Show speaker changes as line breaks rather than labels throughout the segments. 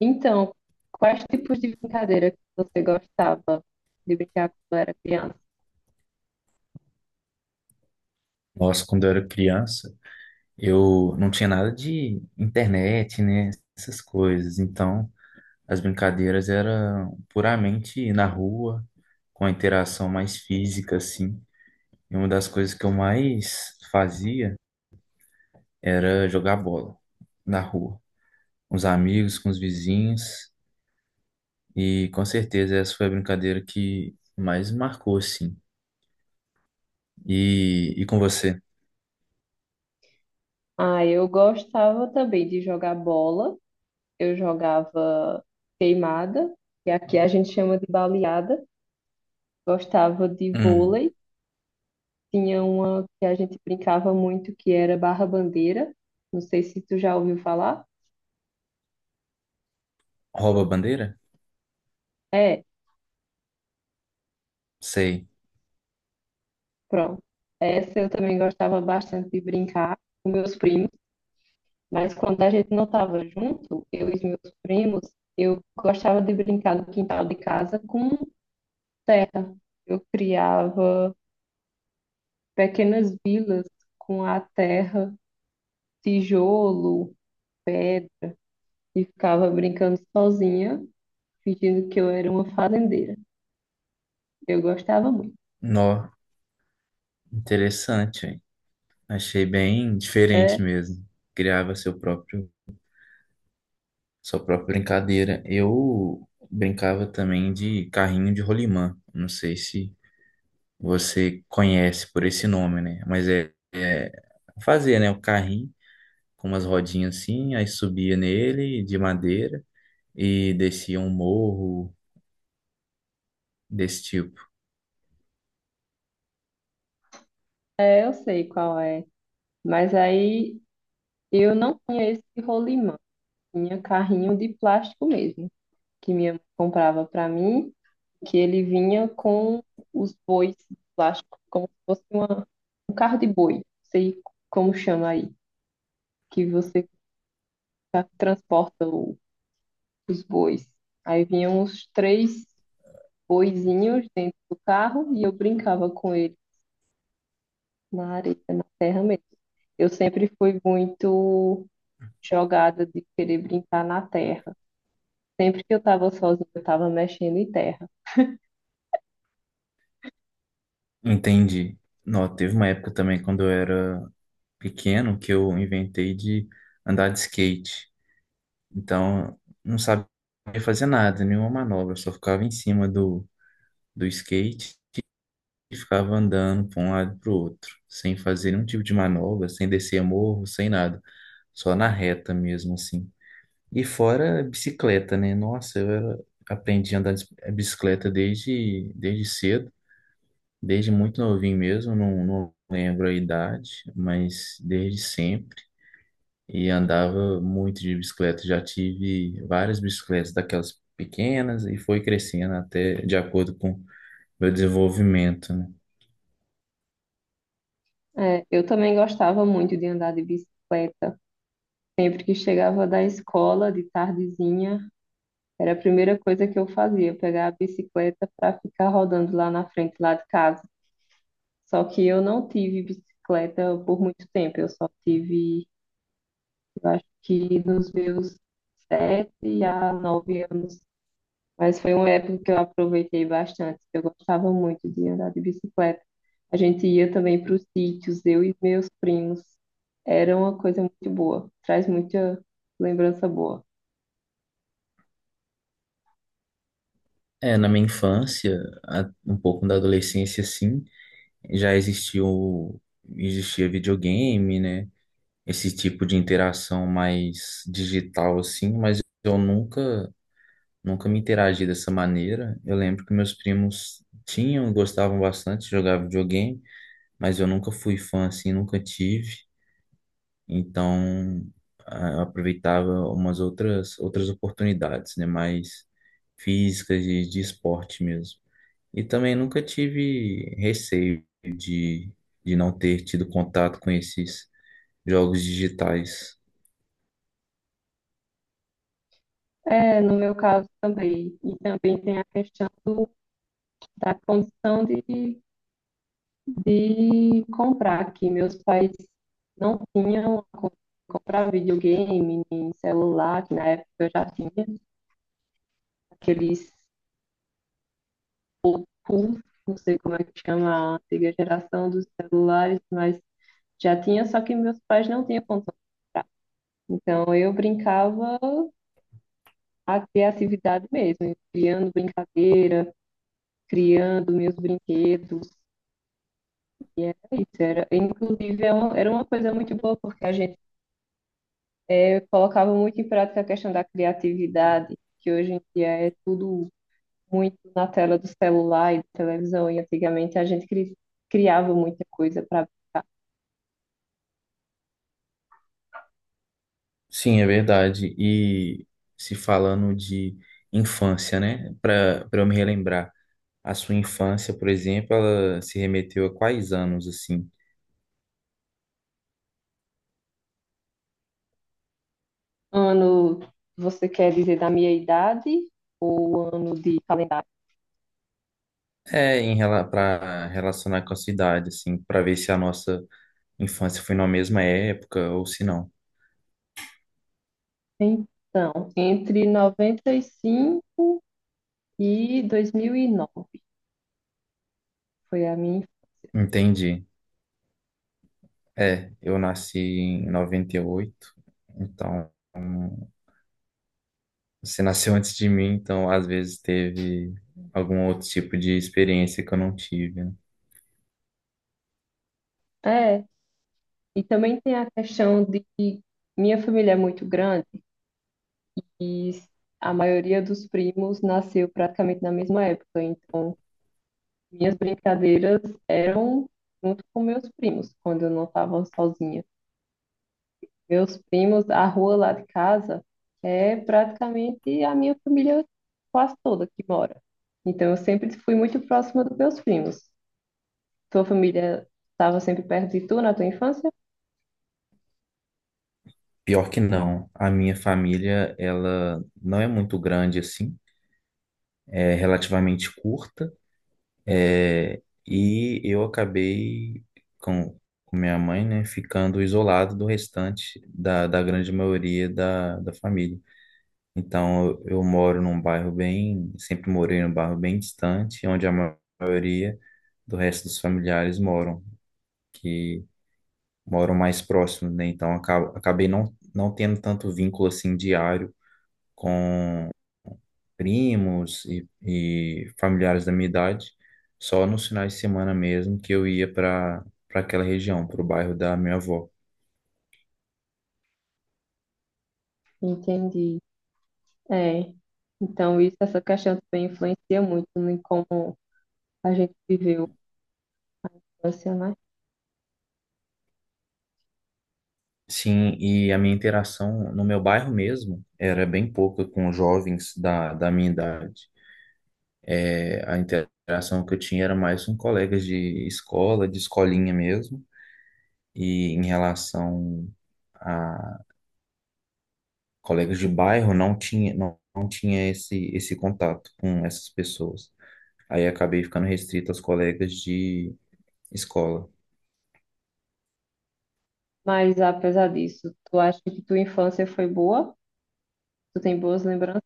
Então, quais tipos de brincadeira que você gostava de brincar quando era criança?
Nossa, quando eu era criança, eu não tinha nada de internet, né? Essas coisas. Então, as brincadeiras eram puramente na rua, com a interação mais física, assim. E uma das coisas que eu mais fazia era jogar bola na rua, com os amigos, com os vizinhos. E com certeza essa foi a brincadeira que mais marcou, assim. E com você?
Ah, eu gostava também de jogar bola. Eu jogava queimada, que aqui a gente chama de baleada. Gostava de
Hum,
vôlei. Tinha uma que a gente brincava muito, que era barra-bandeira. Não sei se tu já ouviu falar.
rouba a bandeira?
É,
Sei.
pronto. Essa eu também gostava bastante de brincar com meus primos, mas quando a gente não estava junto, eu e os meus primos, eu gostava de brincar no quintal de casa com terra. Eu criava pequenas vilas com a terra, tijolo, pé e ficava brincando sozinha, fingindo que eu era uma fazendeira. Eu gostava muito.
Nó, interessante, achei bem
É,
diferente mesmo. Criava seu próprio, sua própria brincadeira. Eu brincava também de carrinho de rolimã. Não sei se você conhece por esse nome, né? Mas é fazer, né? O carrinho com umas rodinhas assim, aí subia nele de madeira e descia um morro desse tipo.
é, eu sei qual é. Mas aí eu não tinha esse rolimã, tinha carrinho de plástico mesmo, que minha mãe comprava para mim, que ele vinha com os bois de plástico, como se fosse uma, um carro de boi, não sei como chama aí, que você tá, transporta o- os bois. Aí vinham os três boizinhos dentro do carro e eu brincava com eles na areia, na terra mesmo. Eu sempre fui muito jogada de querer brincar na terra. Sempre que eu estava sozinha, eu estava mexendo em terra.
Entendi. Não, teve uma época também quando eu era pequeno que eu inventei de andar de skate. Então, não sabia fazer nada, nenhuma manobra, só ficava em cima do skate e ficava andando para um lado e para o outro, sem fazer nenhum tipo de manobra, sem descer morro, sem nada, só na reta mesmo, assim. E fora bicicleta, né? Nossa, aprendi a andar de bicicleta desde cedo, desde muito novinho mesmo, não lembro a idade, mas desde sempre. E andava muito de bicicleta. Já tive várias bicicletas daquelas pequenas e foi crescendo até de acordo com meu desenvolvimento, né?
É, eu também gostava muito de andar de bicicleta. Sempre que chegava da escola, de tardezinha, era a primeira coisa que eu fazia, pegar a bicicleta para ficar rodando lá na frente, lá de casa. Só que eu não tive bicicleta por muito tempo, eu só tive, eu acho que dos meus 7 a 9 anos. Mas foi uma época que eu aproveitei bastante. Eu gostava muito de andar de bicicleta. A gente ia também para os sítios, eu e meus primos. Era uma coisa muito boa, traz muita lembrança boa.
É, na minha infância, um pouco da adolescência, sim, já existiu, existia videogame, né? Esse tipo de interação mais digital, assim, mas eu nunca, nunca me interagi dessa maneira. Eu lembro que meus primos tinham, gostavam bastante de jogar videogame, mas eu nunca fui fã, assim, nunca tive. Então, eu aproveitava umas outras oportunidades, né, mais físicas de esporte mesmo. E também nunca tive receio de não ter tido contato com esses jogos digitais.
É, no meu caso também. E também tem a questão da condição de comprar, que meus pais não tinham a comprar videogame, nem celular, que na época eu já tinha. Aqueles pulsos, não sei como é que chama a antiga geração dos celulares, mas já tinha, só que meus pais não tinham condição de comprar. Então eu brincava a criatividade mesmo, criando brincadeira, criando meus brinquedos. E era isso, era, inclusive é uma- era uma coisa muito boa, porque a gente colocava muito em prática a questão da criatividade, que hoje em dia é tudo muito na tela do celular e da televisão, e antigamente a gente cri- criava muita coisa para.
Sim, é verdade. E se falando de infância, né, para eu me relembrar, a sua infância, por exemplo, ela se remeteu a quais anos assim?
Ano, você quer dizer da minha idade ou ano de calendário?
Em para relacionar com a cidade, assim, para ver se a nossa infância foi na mesma época, ou se não.
Então, entre 95 e 2009 foi a minha infância.
Entendi. É, eu nasci em 98, então hum, você nasceu antes de mim, então às vezes teve algum outro tipo de experiência que eu não tive, né?
É, e também tem a questão de que minha família é muito grande e a maioria dos primos nasceu praticamente na mesma época. Então, minhas brincadeiras eram junto com meus primos, quando eu não estava sozinha. Meus primos, a rua lá de casa é praticamente a minha família quase toda que mora. Então eu sempre fui muito próxima dos meus primos. Tua família estava sempre perto de tu na tua infância?
Pior que não, a minha família, ela não é muito grande assim, é relativamente curta, é, e eu acabei com, com minha mãe, né, ficando isolado do restante da grande maioria da família. Então, eu moro num bairro bem, sempre morei num bairro bem distante, onde a maioria do resto dos familiares moram, que moram mais próximos, né? Então, acabei não tendo tanto vínculo assim diário com primos e familiares da minha idade, só nos finais de semana mesmo que eu ia para aquela região, para o bairro da minha avó.
Entendi. É. Então isso, essa questão também influencia muito em como a gente viveu a infância, né?
Sim, e a minha interação no meu bairro mesmo era bem pouca com jovens da minha idade. É, a interação que eu tinha era mais com colegas de escola, de escolinha mesmo, e em relação a colegas de bairro, não tinha, não tinha esse contato com essas pessoas. Aí acabei ficando restrito aos colegas de escola.
Mas apesar disso, tu acha que tua infância foi boa? Tu tem boas lembranças?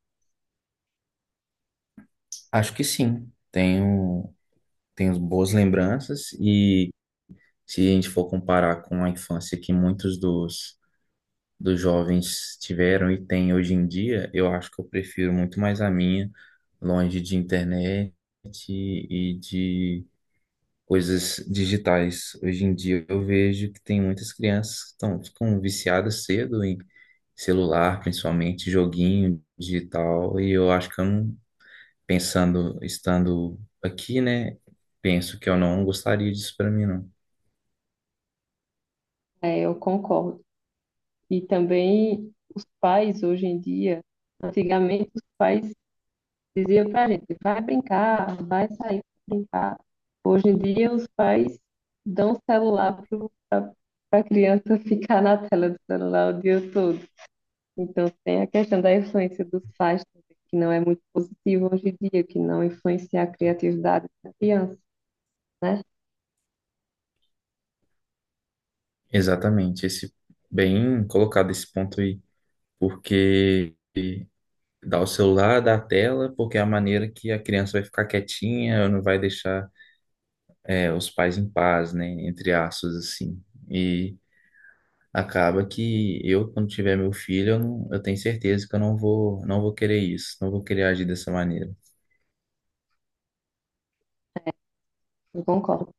Acho que sim, tenho boas lembranças, e se a gente for comparar com a infância, que muitos dos jovens tiveram e têm hoje em dia, eu acho que eu prefiro muito mais a minha, longe de internet e de coisas digitais. Hoje em dia eu vejo que tem muitas crianças que estão, ficam viciadas cedo em celular, principalmente joguinho digital, e eu acho que eu não, pensando, estando aqui, né, penso que eu não gostaria disso para mim, não.
É, eu concordo. E também os pais, hoje em dia, antigamente os pais diziam para a gente, vai brincar, vai sair para brincar. Hoje em dia, os pais dão celular para a criança ficar na tela do celular o dia todo. Então, tem a questão da influência dos pais, que não é muito positivo hoje em dia, que não influencia a criatividade da criança, né?
Exatamente, esse bem colocado esse ponto aí, porque dá o celular, dá a tela, porque é a maneira que a criança vai ficar quietinha, não vai deixar é, os pais em paz, né? Entre aspas, assim. E acaba que eu, quando tiver meu filho, eu, não, eu tenho certeza que eu não vou querer isso, não vou querer agir dessa maneira.
Eu concordo.